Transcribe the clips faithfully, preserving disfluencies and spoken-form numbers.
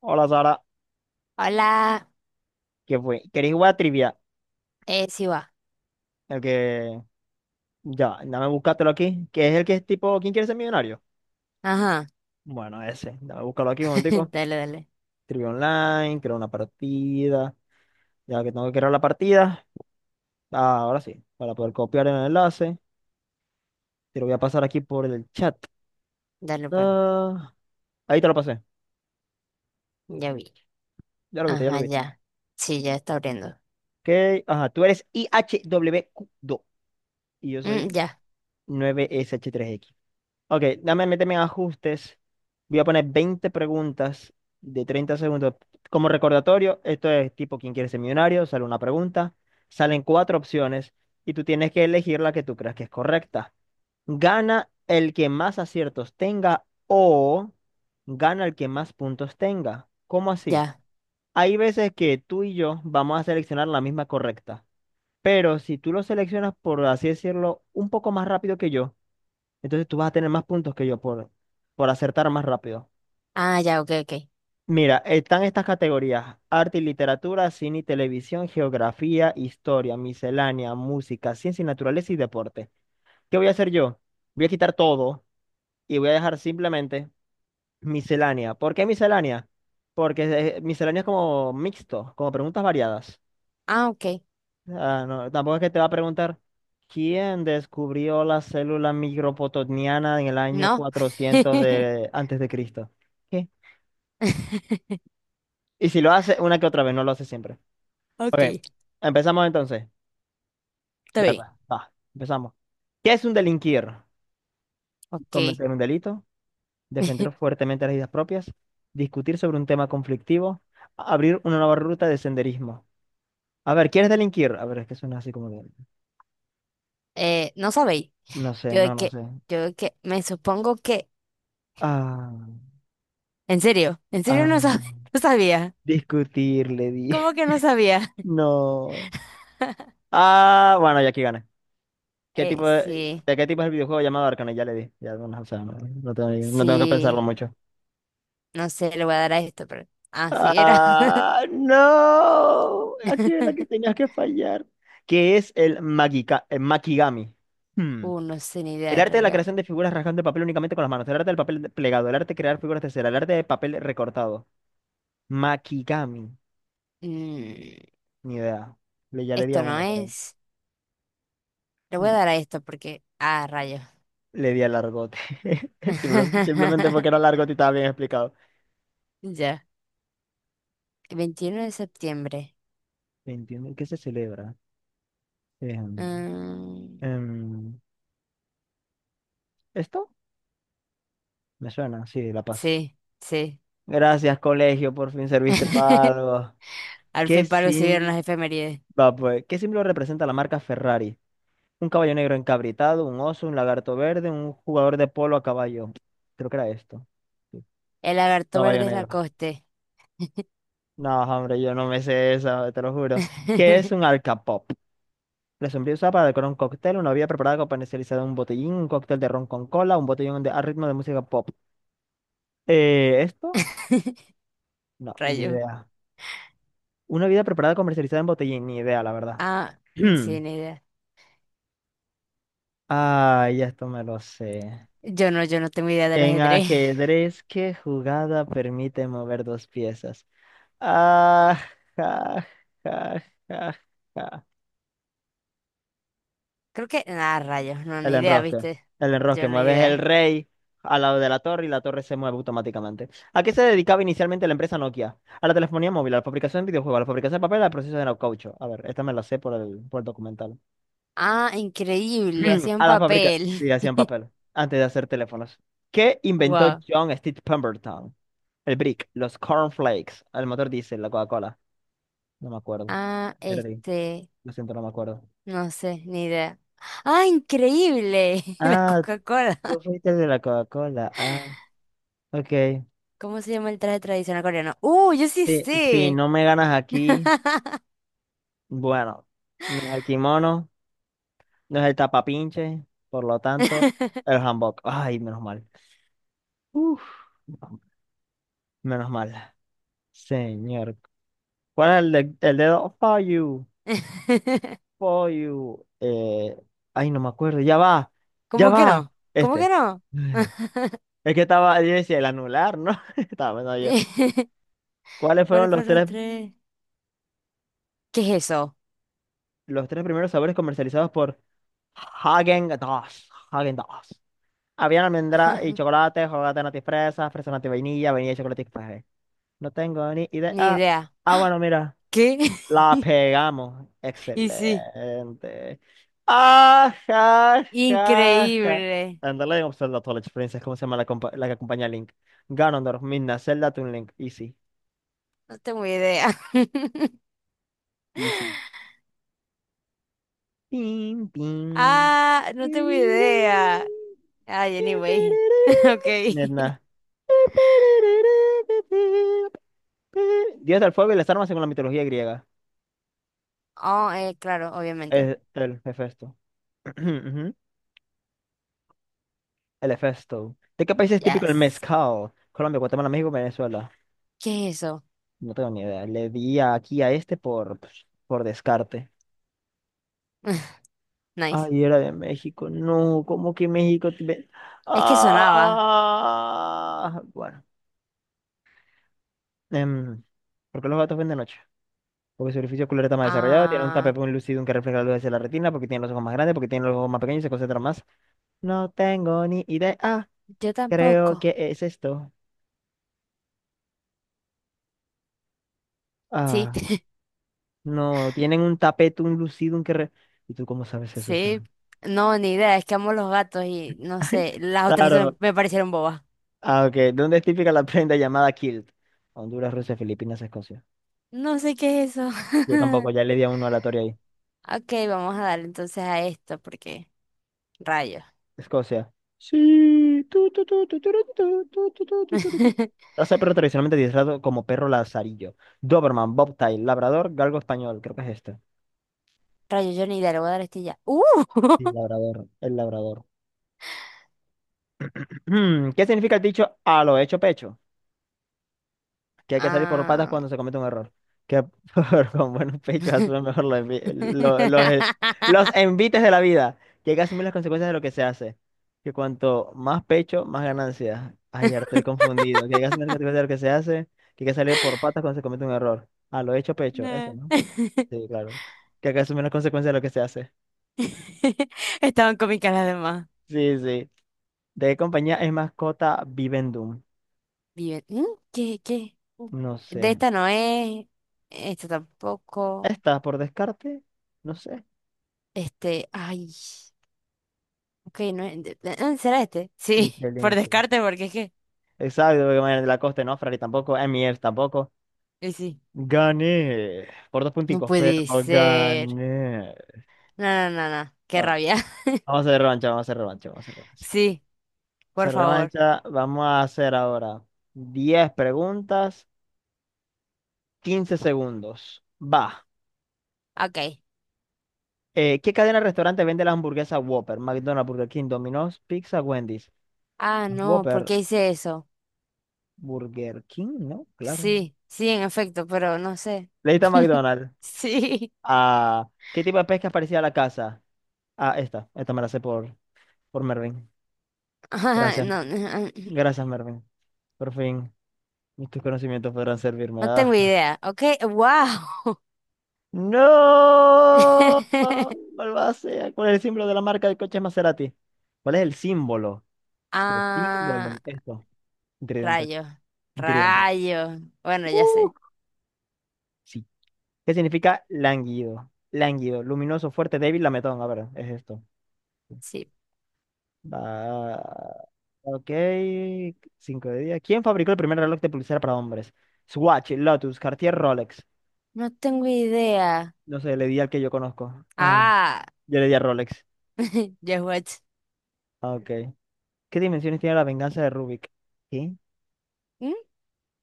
Hola, Sara, Hola, ¿qué fue? ¿Queréis jugar a trivia? eh, sí va. El que. Ya, dame, búscatelo aquí. ¿Qué es el que es tipo "¿Quién quiere ser millonario?"? Ajá, Bueno, ese. Dame, búscalo aquí un momentico. dale, dale, Trivia online, crear una partida. Ya que tengo que crear la partida. Ah, ahora sí. Para poder copiar el enlace. Te lo voy a pasar aquí por el chat. dale pues, Ah, ahí te lo pasé. ya vi. Ya lo viste, ya lo Ajá, viste. ya. Sí, ya está abriendo. Ok. Ajá, tú eres i h ihwq dos y yo Mm, soy ya, nueve S H tres X. Ok, dame, méteme en ajustes. Voy a poner veinte preguntas de treinta segundos. Como recordatorio, esto es tipo "¿Quién quiere ser millonario?". Sale una pregunta, salen cuatro opciones y tú tienes que elegir la que tú creas que es correcta. Gana el que más aciertos tenga o gana el que más puntos tenga. ¿Cómo así? ya. Hay veces que tú y yo vamos a seleccionar la misma correcta, pero si tú lo seleccionas, por así decirlo, un poco más rápido que yo, entonces tú vas a tener más puntos que yo por, por acertar más rápido. Ah, ya, ok, ok. Mira, están estas categorías: arte y literatura, cine y televisión, geografía, historia, miscelánea, música, ciencia y naturaleza y deporte. ¿Qué voy a hacer yo? Voy a quitar todo y voy a dejar simplemente miscelánea. ¿Por qué miscelánea? Porque eh, miscelánea es como mixto, como preguntas variadas. Ah, ok. Ah, no, tampoco es que te va a preguntar quién descubrió la célula micropotoniana en el año No. cuatrocientos de, antes de Cristo. ¿Qué? Y si lo hace una que otra vez, no lo hace siempre. Ok, Ok, empezamos entonces. está Dale, bien. pues, va, empezamos. ¿Qué es un delinquir? Ok. Cometer un delito, defender fuertemente las ideas propias, discutir sobre un tema conflictivo, abrir una nueva ruta de senderismo. A ver, ¿quieres delinquir? A ver, es que suena así como que... Eh, no sabéis. No sé, Yo de no, no que, sé. Yo de que, me supongo que. Ah, ¿En serio? ¿En serio no sab- ah. no sabía? Discutir, le di. ¿Cómo que no sabía? No. Ah, bueno, ya aquí gana. ¿Qué Eh, tipo de, Sí, de qué tipo es el videojuego llamado Arcane? Ya le di. Ya, no, o sea, no, no tengo, ni- no tengo que pensarlo sí. mucho. No sé, le voy a dar a esto, pero. Ah, sí, era. Ah, no. Aquí era que tenías que fallar. ¿Qué es el, magika- el Makigami? Hmm. Uh, no sé ni idea El en arte de la realidad. creación de figuras rasgando el papel únicamente con las manos. El arte del papel plegado. El arte de crear figuras de cera. El arte de papel recortado. Makigami. Mm, Ni idea. Le, ya le di a Esto no uno, pero. es. Le voy Hmm. a dar a esto porque. Ah, rayos. Le di al largote. Simple- Simplemente porque era largote y estaba bien explicado. Ya. Veintiuno de septiembre. ¿Entienden qué se celebra? Em, Mm, em, ¿esto? Me suena, sí, La Paz. sí, sí. Gracias, colegio, por fin serviste para algo. Al ¿Qué fin palo se dieron sim- las efemérides. Va, pues, ¿qué símbolo representa la marca Ferrari? Un caballo negro encabritado, un oso, un lagarto verde, un jugador de polo a caballo. Creo que era esto. Sí, El lagarto caballo verde es la negro. coste. No, hombre, yo no me sé esa, te lo juro. ¿Qué es un alcapop? La sombrilla usada para decorar un cóctel, una bebida preparada con comercializada en un botellín, un cóctel de ron con cola, un botellín de, a ritmo de música pop. Eh, ¿esto? No, ni Rayo. idea. Una bebida preparada comercializada en botellín, ni idea, la verdad. Ah, mm, sí, ni idea. Ah, ya esto me lo sé. Yo no, yo no tengo idea del En ajedrez. ajedrez, ¿qué jugada permite mover dos piezas? Ah, ja, ja, ja, ja. Creo que. Ah, rayos. No, El ni idea, enrosque. ¿viste? El enrosque. Yo no Mueves el idea. rey al lado de la torre y la torre se mueve automáticamente. ¿A qué se dedicaba inicialmente la empresa Nokia? A la telefonía móvil, a la fabricación de videojuegos, a la fabricación de papel, al proceso de caucho. A ver, esta me la sé por el, por el documental. Ah, increíble, hacían A la fábrica. papel. Sí, hacían papel antes de hacer teléfonos. ¿Qué inventó Wow. John Steve Pemberton? El brick, los cornflakes, el motor diésel, la Coca-Cola. No me acuerdo. Ah, Perdí. este, Lo siento, no me acuerdo. no sé, ni idea. ¡Ah, increíble! La Ah, Coca-Cola. tú fuiste el de la Coca-Cola. Ah, ok. ¿Cómo se llama el traje tradicional coreano? ¡Uh, yo sí Sí, si sé! no me ganas aquí. Bueno, no es el kimono, no es el tapapinche, por lo tanto, el hanbok. Ay, menos mal. Uf, menos mal. Señor. ¿Cuál es el, de- el dedo? For you, for you. Eh, ay, no me acuerdo. Ya va, ya ¿Cómo que va. no? ¿Cómo que Este. no? Mm. Es que estaba, yo decía, el anular, ¿no? Estaba pensando yo. ¿Cuáles fueron ¿Cuáles los fueron los tres, tres? ¿Qué es eso? los tres primeros sabores comercializados por Häagen-Dazs? Häagen-Dazs. Habían almendra y chocolate, chocolate natis fresa, fresa natis vainilla, vainilla y chocolate café. No tengo ni idea. Ni Ah, idea. ah, bueno, mira, ¿Qué? la pegamos. Y sí, Excelente. Ah, ja, ja, ja. increíble. Andale, en Zelda Twilight Princess, ¿cómo se llama la, compa- la que acompaña a Link? Ganondorf, Midna, Zelda, Toon Link. Easy, No tengo idea. easy. Pim, pim. Ah, no tengo idea. Pirirín, Ay, pim, anyway. pirirín. Ok. Midna. Dios del fuego y las armas según la mitología griega. Oh, eh, claro, obviamente. El, el Hefesto. Ujú, el Hefesto. ¿De qué país es típico el Yes. mezcal? Colombia, Guatemala, México, Venezuela. ¿Qué es eso? No tengo ni idea. Le di aquí a este por, pues, por descarte. Nice. Ay, era de México. No, ¿cómo que México? Tiene... Es que sonaba. Ah, bueno. Em, ¿por qué los gatos ven de noche? Porque su orificio ocular está más desarrollado, tiene un Ah, tapetón lucidum que refleja la luz hacia la retina, porque tiene los ojos más grandes, porque tiene los ojos más pequeños y se concentra más. No tengo ni idea. yo Creo tampoco. que es esto. Sí, Ah, no, tienen un tapete, un lucido, un que... re-. ¿Y tú cómo sabes eso, sí. Sam? No, ni idea. Es que amo los gatos y no sé. Las otras se- Claro. me parecieron bobas. Ah, ok. ¿Dónde es típica la prenda llamada kilt? Honduras, Rusia, Filipinas, Escocia. No sé qué es eso. Yo tampoco, ya le di a uno aleatorio ahí. Ok, vamos a darle entonces a esto porque rayos. Escocia. Sí. Tu, tu, tu, tu, tu, tu, tu, tu, tu, tu, tu, tu, tu. Raza de perro tradicionalmente adiestrado como perro lazarillo. Doberman, Bobtail, Labrador, Galgo español. Creo que es este. Rayos, yo ni idea. Le voy a dar este y ya. ¡Uh! Sí, Labrador. El Labrador. ¿Qué significa el dicho "a lo hecho, pecho"? Que hay que salir por patas Ah. cuando se comete un error. Que por- con buenos pechos asume mejor los, envi- lo- los, eh, los envites de la vida. Que hay que asumir las consecuencias de lo que se hace. Que cuanto más pecho, más ganancias. Ay, ya estoy confundido. Que hay que asumir las consecuencias de lo que se hace. Que hay que salir por patas cuando se comete un error. Ah, lo hecho, pecho. Esto, No. ¿no? Sí, claro. Que hay que asumir las consecuencias de lo que se hace. Estaban cómicas las demás. Sí, sí. ¿De qué compañía es mascota Vivendum? Vive- ¿Mm? ¿Qué, qué? Uh, No sé. De esta no es, esta tampoco, Esta, por descarte, no sé. este, ay, ok, no es, de- de- ah, ¿será este? Sí, Michelin. por Sí. descarte, porque es que, Exacto, porque Manuel Lacoste no, Ferrari tampoco, Emier tampoco. y sí, Gané por dos no punticos, pero puede ser, gané. no, no, no, no, qué Bueno, rabia, vamos a hacer revancha, vamos a hacer revancha, vamos a hacer revancha. sí, por Se favor, revancha, vamos a hacer ahora diez preguntas, quince segundos. Va. ok, Eh, ¿qué cadena de restaurante vende las hamburguesas Whopper? McDonald's, Burger King, Domino's, Pizza, Wendy's. ah, no, ¿por Whopper, qué hice eso? Burger King, ¿no? Claro. Sí, sí, en efecto, pero no sé, Le a McDonald's. sí, Ah, ¿qué tipo de pesca parecía a la casa? Ah, esta, esta me la sé por, por Mervin. ah, Gracias, no, no, ah, gracias, Mervin. Por fin, mis tus conocimientos podrán servirme. no tengo Ah. idea, ok, wow. ¡No! Malvasea, con el símbolo de la marca de coches Maserati. ¿Cuál es el símbolo? El Ah, símbolo, esto. Tridente, rayos, tridente. rayos. Bueno, ya Uh, sé. sí. ¿Qué significa lánguido? Lánguido, luminoso, fuerte, débil, lametón. A ver, es esto. Sí. Va, ok, cinco de día. ¿Quién fabricó el primer reloj de pulsera para hombres? Swatch, Lotus, Cartier, Rolex. No tengo idea. No sé, le di al que yo conozco. Ay, Ah, yo le di a Rolex. ya watch. Ah, ok. ¿Qué dimensiones tiene la venganza de Rubik? ¿Qué? ¿Mm?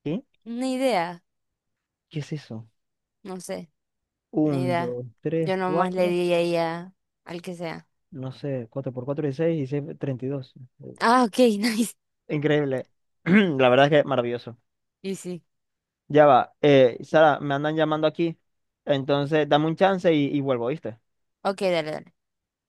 ¿Qué? Ni idea. ¿Qué es eso? No sé, ni Uno, idea. dos, tres, Yo nomás le cuatro. di ahí a- al que sea. No sé, cuatro por cuatro, dieciséis, dieciséis, treinta y dos. Ah, ok, nice. Increíble. La verdad es que maravilloso. Y sí. Ya va. Eh, Sara, me andan llamando aquí. Entonces, dame un chance y, y vuelvo, ¿viste? Ok, dale, dale.